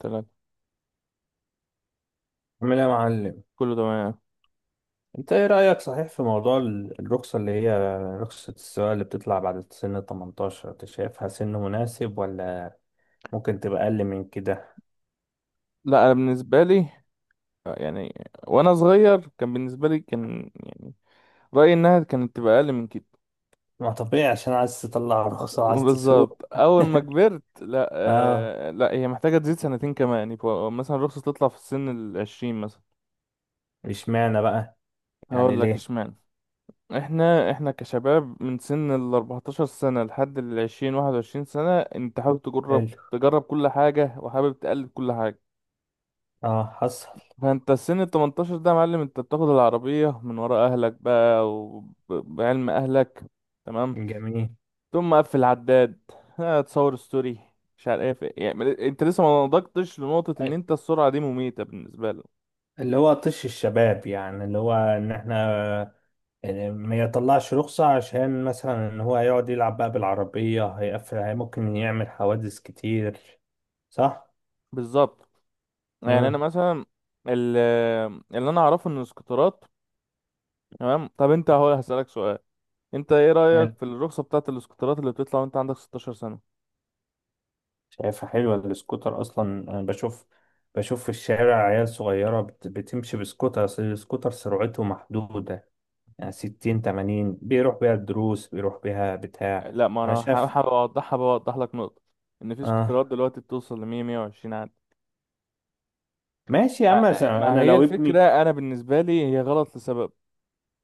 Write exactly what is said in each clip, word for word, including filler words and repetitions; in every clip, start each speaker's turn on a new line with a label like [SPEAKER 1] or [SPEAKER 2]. [SPEAKER 1] تمام.
[SPEAKER 2] عامل ايه يا معلم؟
[SPEAKER 1] كله تمام.
[SPEAKER 2] انت ايه رأيك صحيح في موضوع ال- الرخصة اللي هي رخصة السواقة اللي بتطلع بعد سن تمنتاشر؟ انت شايفها سن مناسب ولا ممكن تبقى اقل من كده؟
[SPEAKER 1] لا، انا بالنسبه لي، آه، يعني وانا صغير كان بالنسبه لي، كان يعني رايي انها كانت تبقى اقل من كده.
[SPEAKER 2] ما طبيعي عشان عايز تطلع رخصة وعايز
[SPEAKER 1] بالظبط،
[SPEAKER 2] تسوق.
[SPEAKER 1] اول ما كبرت لا.
[SPEAKER 2] اه،
[SPEAKER 1] آه لا، هي محتاجه تزيد سنتين كمان، يعني فوق- مثلا الرخصه تطلع في السن العشرين مثلا.
[SPEAKER 2] اشمعنى بقى؟ يعني
[SPEAKER 1] هقول لك
[SPEAKER 2] ليه؟
[SPEAKER 1] اشمعنى. احنا احنا كشباب من سن ال أربعتاشر سنه لحد ال عشرين واحد وعشرين سنه انت حابب تجرب
[SPEAKER 2] حلو.
[SPEAKER 1] تجرب كل حاجه، وحابب تقلد كل حاجه.
[SPEAKER 2] اه، حصل.
[SPEAKER 1] فانت السن ال تمنتاشر ده يا معلم، انت بتاخد العربية من ورا اهلك بقى، وبعلم اهلك. تمام.
[SPEAKER 2] جميل.
[SPEAKER 1] تقوم مقفل عداد. ها، تصور ستوري، مش عارف ايه، يعني انت لسه ما نضجتش لنقطة ان انت السرعة دي مميتة بالنسبة لك.
[SPEAKER 2] اللي هو طش الشباب، يعني اللي هو ان احنا يعني ما يطلعش رخصة عشان مثلا ان هو يقعد يلعب بقى بالعربية هيقفل، هي ممكن يعمل حوادث كتير، صح؟
[SPEAKER 1] بالظبط. يعني انا
[SPEAKER 2] مم.
[SPEAKER 1] مثلا ال- اللي انا اعرفه ان الاسكوترات. تمام، طب انت اهو هسألك سؤال، انت ايه رأيك
[SPEAKER 2] حلو.
[SPEAKER 1] في الرخصة بتاعة الاسكوترات اللي بتطلع وانت عندك ستاشر سنة؟
[SPEAKER 2] شايفها حلوة السكوتر اصلا. انا بشوف بشوف في الشارع عيال صغيرة بت- بتمشي بسكوتر، أصل السكوتر سرعته محدودة، يعني ستين تمانين بيروح بيها الدروس، بيروح بيها بتاع.
[SPEAKER 1] لا، ما
[SPEAKER 2] انا
[SPEAKER 1] انا ح-
[SPEAKER 2] شايف.
[SPEAKER 1] حابب اوضحها، بوضح لك نقطة ان في
[SPEAKER 2] اه،
[SPEAKER 1] سكوترات دلوقتي بتوصل ل مية مية وعشرين.
[SPEAKER 2] ماشي يا عم،
[SPEAKER 1] آه، ما
[SPEAKER 2] انا
[SPEAKER 1] هي
[SPEAKER 2] لو
[SPEAKER 1] الفكرة،
[SPEAKER 2] ابني
[SPEAKER 1] أنا بالنسبة لي هي غلط لسبب.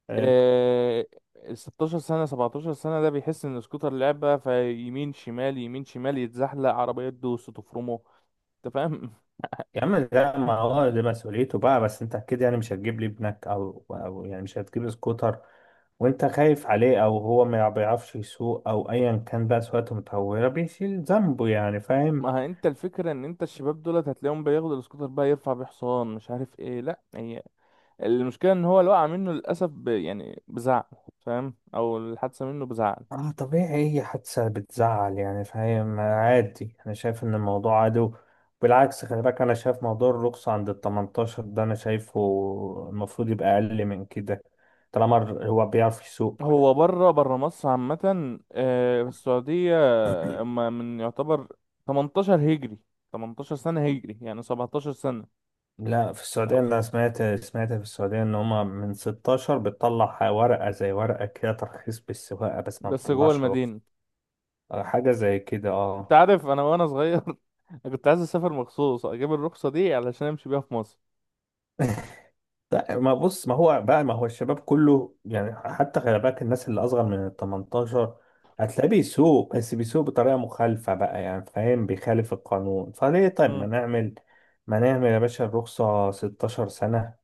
[SPEAKER 2] آه،
[SPEAKER 1] آه، ال ستاشر سنة سبعتاشر سنة ده بيحس إن سكوتر لعبة، فيمين شمال يمين شمال يتزحلق، عربية تدوس تفرمه. أنت فاهم؟
[SPEAKER 2] يا عم، ده ما هو ده مسؤوليته بقى، بس انت اكيد يعني مش هتجيب لي ابنك او او يعني مش هتجيب لي سكوتر وانت خايف عليه، او هو ما بيعرفش يسوق، او ايا كان بقى، سواقته متهوره بيشيل ذنبه يعني، فاهم.
[SPEAKER 1] ما هي أنت الفكرة إن أنت الشباب دولت هتلاقيهم بياخدوا السكوتر بقى، يرفع بيه حصان، مش عارف إيه. لأ، هي المشكلة إن هو اللي وقع منه للأسف ب... يعني بزعل. فاهم؟ أو الحادثة منه بزعل.
[SPEAKER 2] اه طبيعي، اي حادثه بتزعل يعني، فاهم، عادي. انا شايف ان الموضوع عادي. بالعكس، خلي بالك، انا شايف موضوع الرخصه عند ال تمنتاشر ده، انا شايفه المفروض يبقى اقل من كده، طالما الر- هو بيعرف يسوق.
[SPEAKER 1] هو بره، بره مصر عامة، آه، في السعودية أما من يعتبر تمنتاشر هجري، تمنتاشر سنة هجري يعني سبعة عشر سنة.
[SPEAKER 2] لا، في السعودية
[SPEAKER 1] أو-
[SPEAKER 2] أنا سمعت سمعت في السعودية إن هما من ستاشر بتطلع ورقة زي ورقة كده ترخيص بالسواقة، بس ما
[SPEAKER 1] بس جوه
[SPEAKER 2] بتطلعش رخصة.
[SPEAKER 1] المدينة.
[SPEAKER 2] آه، حاجة زي كده،
[SPEAKER 1] أنت
[SPEAKER 2] اه.
[SPEAKER 1] عارف أنا وأنا صغير أنا كنت عايز أسافر مخصوص أجيب الرخصة دي علشان أمشي بيها في مصر.
[SPEAKER 2] لا ما، بص، ما هو بقى، ما هو الشباب كله، يعني حتى خلي بالك الناس اللي أصغر من ال تمنتاشر هتلاقيه بيسوق، بس بيسوق بطريقة مخالفة بقى، يعني فاهم، بيخالف القانون. فليه طيب؟ ما
[SPEAKER 1] مم.
[SPEAKER 2] نعمل ما نعمل يا باشا الرخصة ستاشر سنة،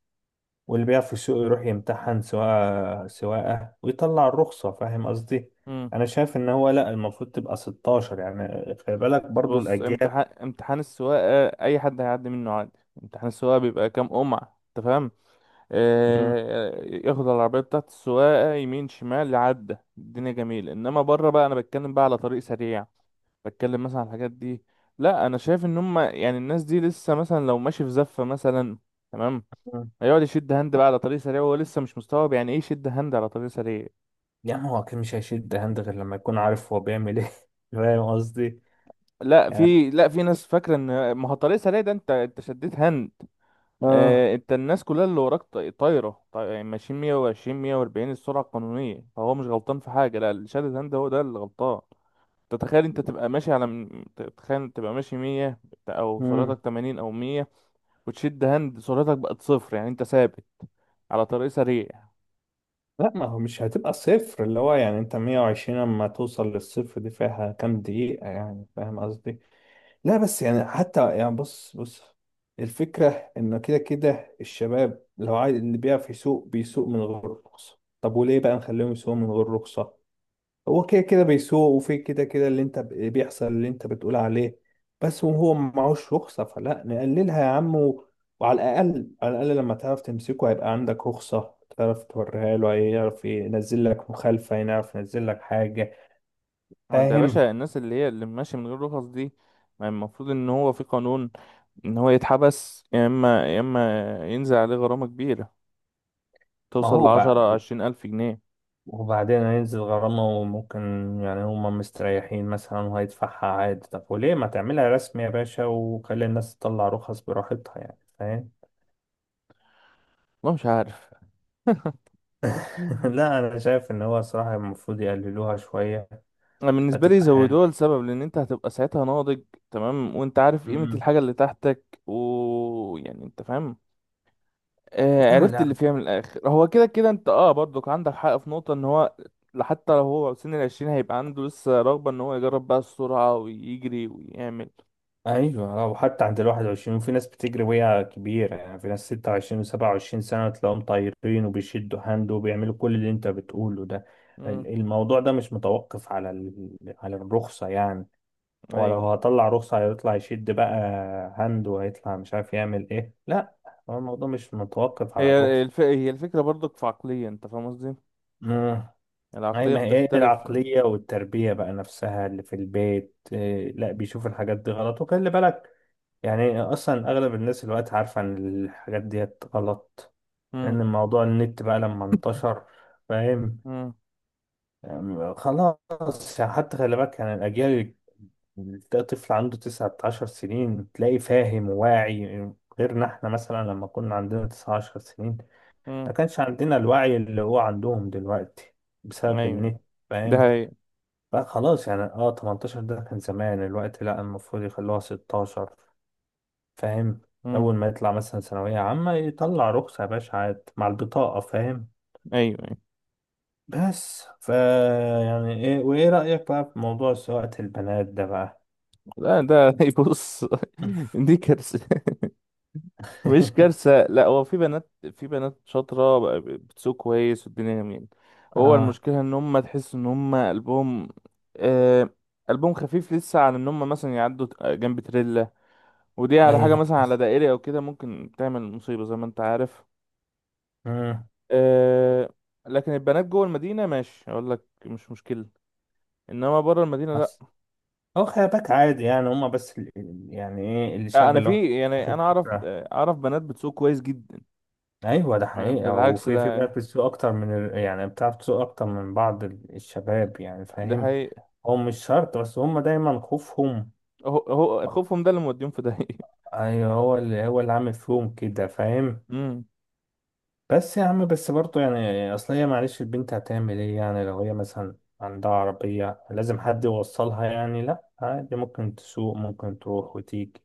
[SPEAKER 2] واللي بيقف في السوق يروح يمتحن سواقة سواقة ويطلع الرخصة، فاهم قصدي؟
[SPEAKER 1] مم.
[SPEAKER 2] أنا شايف إن هو لأ، المفروض تبقى ستاشر، يعني خلي بالك برضو
[SPEAKER 1] بص،
[SPEAKER 2] الأجيال.
[SPEAKER 1] امتحان امتحان السواقة أي حد هيعدي منه عادي. امتحان السواقة بيبقى كام قمعة، أنت فاهم.
[SPEAKER 2] مم.
[SPEAKER 1] آه، ياخد العربية بتاعت السواقة يمين شمال لعدة، الدنيا جميلة، انما بره بقى انا بتكلم بقى على طريق سريع، بتكلم مثلا على الحاجات دي. لا، انا شايف ان هم يعني الناس دي لسه، مثلا لو ماشي في زفة مثلا، تمام،
[SPEAKER 2] مم.
[SPEAKER 1] هيقعد يشد هاند بقى على طريق سريع وهو لسه مش مستوعب يعني ايه يشد هاند على طريق سريع.
[SPEAKER 2] يعني هو أكيد مش هيشد هاند غير لما يكون عارف هو بيعمل إيه، فاهم قصدي؟
[SPEAKER 1] لا
[SPEAKER 2] يعني
[SPEAKER 1] في، لا في ناس فاكرة ان ما هو طريق سريع ده، انت انت شديت هاند.
[SPEAKER 2] آه.
[SPEAKER 1] آه، انت الناس كلها اللي وراك طا- طايره، طا- يعني ماشيين مئة وعشرين مية واربعين السرعه القانونيه، فهو مش غلطان في حاجه، لا الشهاده هند هو ده اللي غلطان. تتخيل انت تبقى ماشي على م- ت- تخيل تبقى ماشي مية، او سرعتك
[SPEAKER 2] مم.
[SPEAKER 1] تمانين او مية، وتشد هند سرعتك بقت صفر، يعني انت ثابت على طريق سريع.
[SPEAKER 2] لأ، ما هو مش هتبقى صفر، اللي هو يعني أنت مية وعشرين أما توصل للصفر دي فيها كام دقيقة، يعني فاهم قصدي؟ لا بس، يعني حتى، يعني بص بص، الفكرة إنه كده كده الشباب لو عايز، اللي بيعرف يسوق بيسوق من غير رخصة، طب وليه بقى نخليهم يسوقوا من غير رخصة؟ هو كده كده بيسوق، وفي كده كده اللي انت ب- بيحصل اللي انت بتقول عليه، بس وهو معهوش رخصة. فلا نقللها يا عم و- وعلى الأقل على الأقل لما تعرف تمسكه هيبقى عندك رخصة تعرف توريها له، هيعرف ينزل لك مخالفة، هيعرف ينزل لك حاجة،
[SPEAKER 1] هو انت يا
[SPEAKER 2] فاهم.
[SPEAKER 1] باشا الناس اللي هي اللي ماشيه من غير رخص دي، ما المفروض ان هو في قانون ان هو يتحبس، يا اما يا اما ينزل عليه غرامه كبيره
[SPEAKER 2] ما
[SPEAKER 1] توصل
[SPEAKER 2] هو بقى،
[SPEAKER 1] لعشرة عشرين الف جنيه.
[SPEAKER 2] وبعدين هينزل غرامة وممكن يعني هما مستريحين مثلا وهيدفعها عادي. طب وليه ما تعملها رسمي يا باشا وخلي الناس تطلع رخص براحتها، يعني فاهم؟
[SPEAKER 1] والله مش عارف.
[SPEAKER 2] لا، أنا شايف إن هو صراحة المفروض يقللوها شوية.
[SPEAKER 1] انا بالنسبه لي
[SPEAKER 2] هتبقى حلوة.
[SPEAKER 1] زودوها لسبب، لان انت هتبقى ساعتها ناضج، تمام، وانت عارف قيمه
[SPEAKER 2] أمم.
[SPEAKER 1] الحاجه اللي تحتك، ويعني انت فاهم. آه،
[SPEAKER 2] لا
[SPEAKER 1] عرفت اللي
[SPEAKER 2] لا.
[SPEAKER 1] فيها من الاخر. هو كده كده انت، اه، برضك عندك حق في نقطه ان هو حتى لو هو سن العشرين هيبقى عنده لسه رغبه ان هو يجرب بقى السرعه ويجري ويعمل.
[SPEAKER 2] أيوة، آه، وحتى عند الواحد وعشرين، وفي ناس بتجري وهي كبيرة، يعني في ناس ستة وعشرين وسبعة وعشرين سنة تلاقيهم طايرين وبيشدوا هاند وبيعملوا كل اللي أنت بتقوله ده.
[SPEAKER 1] امم.
[SPEAKER 2] الموضوع ده مش متوقف على ال- على الرخصة يعني، ولو
[SPEAKER 1] ايوه.
[SPEAKER 2] هطلع رخصة هيطلع يشد بقى هند، وهيطلع مش عارف يعمل ايه. لا، هو الموضوع مش متوقف على
[SPEAKER 1] هي
[SPEAKER 2] الرخصة.
[SPEAKER 1] الف... هي الفكره برضك في عقليه، انت فاهم قصدي.
[SPEAKER 2] مم. أي،
[SPEAKER 1] العقليه
[SPEAKER 2] ما هي إيه
[SPEAKER 1] بتختلف.
[SPEAKER 2] العقلية والتربية بقى نفسها اللي في البيت؟ إيه؟ لا، بيشوف الحاجات دي غلط. وخلي بالك يعني أصلا أغلب الناس الوقت عارفة إن الحاجات دي غلط،
[SPEAKER 1] امم.
[SPEAKER 2] لأن الموضوع النت بقى لما انتشر، فاهم.
[SPEAKER 1] امم.
[SPEAKER 2] يعني خلاص، يعني حتى خلي بالك يعني الأجيال، ده طفل عنده تسعة عشر سنين تلاقي فاهم وواعي، غيرنا احنا مثلا لما كنا عندنا تسعة عشر سنين ما
[SPEAKER 1] امم.
[SPEAKER 2] كانش عندنا الوعي اللي هو عندهم دلوقتي، بسبب
[SPEAKER 1] ايوه.
[SPEAKER 2] النت،
[SPEAKER 1] ده
[SPEAKER 2] فاهم.
[SPEAKER 1] هي.
[SPEAKER 2] فخلاص يعني، اه ثمانية عشر ده كان زمان، الوقت لا، المفروض يخلوها ستاشر، فاهم.
[SPEAKER 1] امم.
[SPEAKER 2] أول ما يطلع مثلا ثانوية عامة يطلع رخصة يا باشا عاد مع البطاقة، فاهم.
[SPEAKER 1] ايوه. أيوه.
[SPEAKER 2] بس فا يعني ايه وايه رأيك بقى في موضوع سواقة البنات ده بقى؟
[SPEAKER 1] لا ده يبص، دي كارثة. مش كارثة، لا، هو في بنات، في بنات شاطرة بقى بتسوق كويس والدنيا جميلة. هو
[SPEAKER 2] اه،
[SPEAKER 1] المشكلة ان هم تحس ان هم قلبهم، آه، قلبهم خفيف لسه على ان هم مثلا يعدوا ت- جنب تريلا، ودي على حاجة
[SPEAKER 2] ايوه.
[SPEAKER 1] مثلا على دائري او كده ممكن تعمل مصيبة زي ما انت عارف.
[SPEAKER 2] مم.
[SPEAKER 1] آه. لكن البنات جوه المدينة ماشي، اقول لك مش مشكلة، انما بره المدينة لا.
[SPEAKER 2] بس هو خلي بالك عادي يعني، هما بس ال- ال- يعني ايه
[SPEAKER 1] آه،
[SPEAKER 2] الشعب
[SPEAKER 1] انا
[SPEAKER 2] اللي
[SPEAKER 1] في، يعني
[SPEAKER 2] واخد
[SPEAKER 1] انا اعرف،
[SPEAKER 2] فكرة.
[SPEAKER 1] آه، اعرف بنات بتسوق كويس جدا.
[SPEAKER 2] ايوه، ده حقيقة،
[SPEAKER 1] بالعكس
[SPEAKER 2] وفي في بقى
[SPEAKER 1] ده،
[SPEAKER 2] بتسوق اكتر من ال... يعني بتعرف تسوق اكتر من بعض ال- الشباب، يعني
[SPEAKER 1] دي
[SPEAKER 2] فاهم.
[SPEAKER 1] حقيقة.
[SPEAKER 2] هو مش شرط، بس هما دايما خوفهم.
[SPEAKER 1] هو هو خوفهم ده اللي موديهم في داهية.
[SPEAKER 2] ايوه، هو اللي هو اللي عامل فيهم كده، فاهم.
[SPEAKER 1] امم.
[SPEAKER 2] بس يا عم، بس برضه يعني، اصل هي معلش البنت هتعمل ايه يعني، لو هي مثلا عندها عربية لازم حد يوصلها يعني. لا عادي، ممكن تسوق، ممكن تروح وتيجي،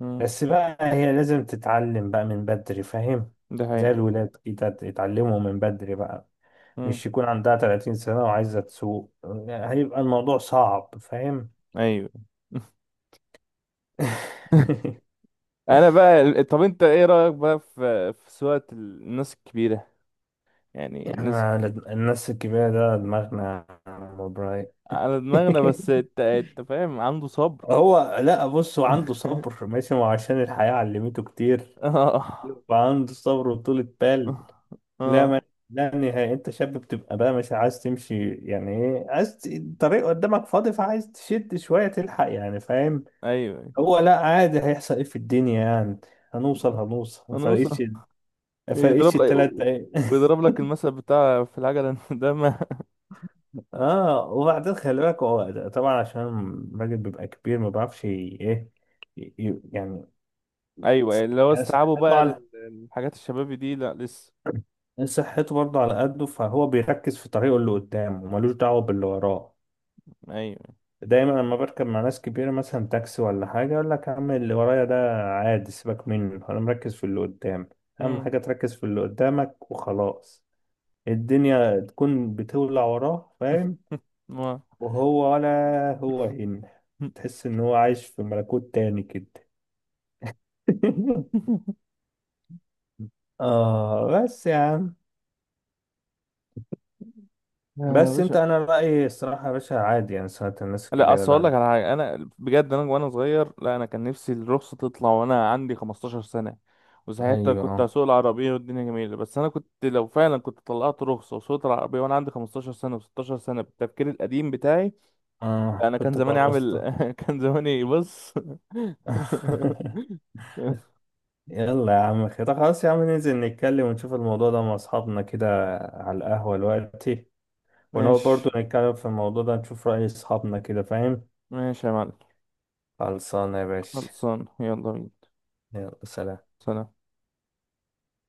[SPEAKER 1] امم.
[SPEAKER 2] بس بقى هي لازم تتعلم بقى من بدري، فاهم.
[SPEAKER 1] ده
[SPEAKER 2] زي
[SPEAKER 1] حقيقة.
[SPEAKER 2] الولاد كده، يتعلموا من بدري بقى،
[SPEAKER 1] امم.
[SPEAKER 2] مش يكون عندها تلاتين سنة وعايزة تسوق، هيبقى الموضوع صعب، فاهم.
[SPEAKER 1] ايوه. انا بقى ال- طب انت ايه رأيك بقى في في سواقة ال- الناس الكبيرة، يعني الناس.
[SPEAKER 2] يعني الناس الكبيرة ده دماغنا مبراي.
[SPEAKER 1] على دماغنا، بس انت، انت فاهم، عنده صبر.
[SPEAKER 2] هو لا، بص، هو عنده صبر ماشي، ما هو عشان الحياة علمته كتير،
[SPEAKER 1] اه.
[SPEAKER 2] فعنده صبر وطولة بال. لا
[SPEAKER 1] اه.
[SPEAKER 2] ما لا نهائي، انت شاب بتبقى بقى مش عايز تمشي، يعني ايه، عايز ت- الطريق قدامك فاضي فعايز تشد شوية تلحق، يعني فاهم.
[SPEAKER 1] ايوه.
[SPEAKER 2] هو لا عادي، هيحصل ايه في الدنيا يعني؟ هنوصل
[SPEAKER 1] ايوه.
[SPEAKER 2] هنوصل ما
[SPEAKER 1] انا اصلا
[SPEAKER 2] فرقتش. ما فرقتش
[SPEAKER 1] يضرب لك،
[SPEAKER 2] التلات دقايق.
[SPEAKER 1] ويضرب لك المثل بتاع في العجلة ده ما.
[SPEAKER 2] اه، وبعدين خلي بالك هو طبعا عشان الراجل بيبقى كبير ما بيعرفش ي- ايه، ي- ي- يعني،
[SPEAKER 1] ايوه، اللي هو
[SPEAKER 2] يعني
[SPEAKER 1] استيعابه
[SPEAKER 2] صحته
[SPEAKER 1] بقى
[SPEAKER 2] على،
[SPEAKER 1] للحاجات الشبابي دي، لا لسه.
[SPEAKER 2] صحته برضه على قده، فهو بيركز في طريقه اللي قدامه، ملوش دعوة باللي وراه. دايما لما بركب مع ناس كبيرة مثلا تاكسي ولا حاجة يقول لك يا عم اللي ورايا ده عادي، سيبك منه، أنا مركز في اللي قدام. أهم
[SPEAKER 1] ايوه.
[SPEAKER 2] حاجة تركز في اللي قدامك وخلاص، الدنيا تكون بتولع وراه، فاهم.
[SPEAKER 1] ما.
[SPEAKER 2] وهو ولا هو هن تحس إن هو عايش في ملكوت تاني كده. آه بس يا عم،
[SPEAKER 1] يا
[SPEAKER 2] بس
[SPEAKER 1] باشا،
[SPEAKER 2] أنت أنا رأيي الصراحة يا باشا، عادي يعني ساعة الناس
[SPEAKER 1] لا
[SPEAKER 2] الكبيرة
[SPEAKER 1] اصل اقول لك
[SPEAKER 2] ده.
[SPEAKER 1] على حاجه، انا بجد انا وانا صغير، لا انا كان نفسي الرخصه تطلع وانا عندي خمستاشر سنه، وساعتها
[SPEAKER 2] أيوه،
[SPEAKER 1] كنت
[SPEAKER 2] أه.
[SPEAKER 1] هسوق العربيه والدنيا جميله. بس انا كنت، لو فعلا كنت طلعت رخصه وسوقت العربيه وانا عندي خمستاشر سنه و ستاشر سنه بالتفكير القديم بتاعي، لا
[SPEAKER 2] آه،
[SPEAKER 1] انا كان
[SPEAKER 2] كنت بقى
[SPEAKER 1] زماني عامل
[SPEAKER 2] واسطة.
[SPEAKER 1] كان زماني بص.
[SPEAKER 2] يلا يا عم، كده خلاص، يا عم ننزل نتكلم ونشوف الموضوع ده مع أصحابنا كده على القهوة دلوقتي، ونقعد
[SPEAKER 1] ماشي.
[SPEAKER 2] برضو نتكلم في الموضوع ده نشوف رأي أصحابنا كده، فاهم.
[SPEAKER 1] ماشي يا معلم.
[SPEAKER 2] خلصانة يا باشا.
[SPEAKER 1] خلصان، يلا بينا.
[SPEAKER 2] يلا سلام.
[SPEAKER 1] سلام.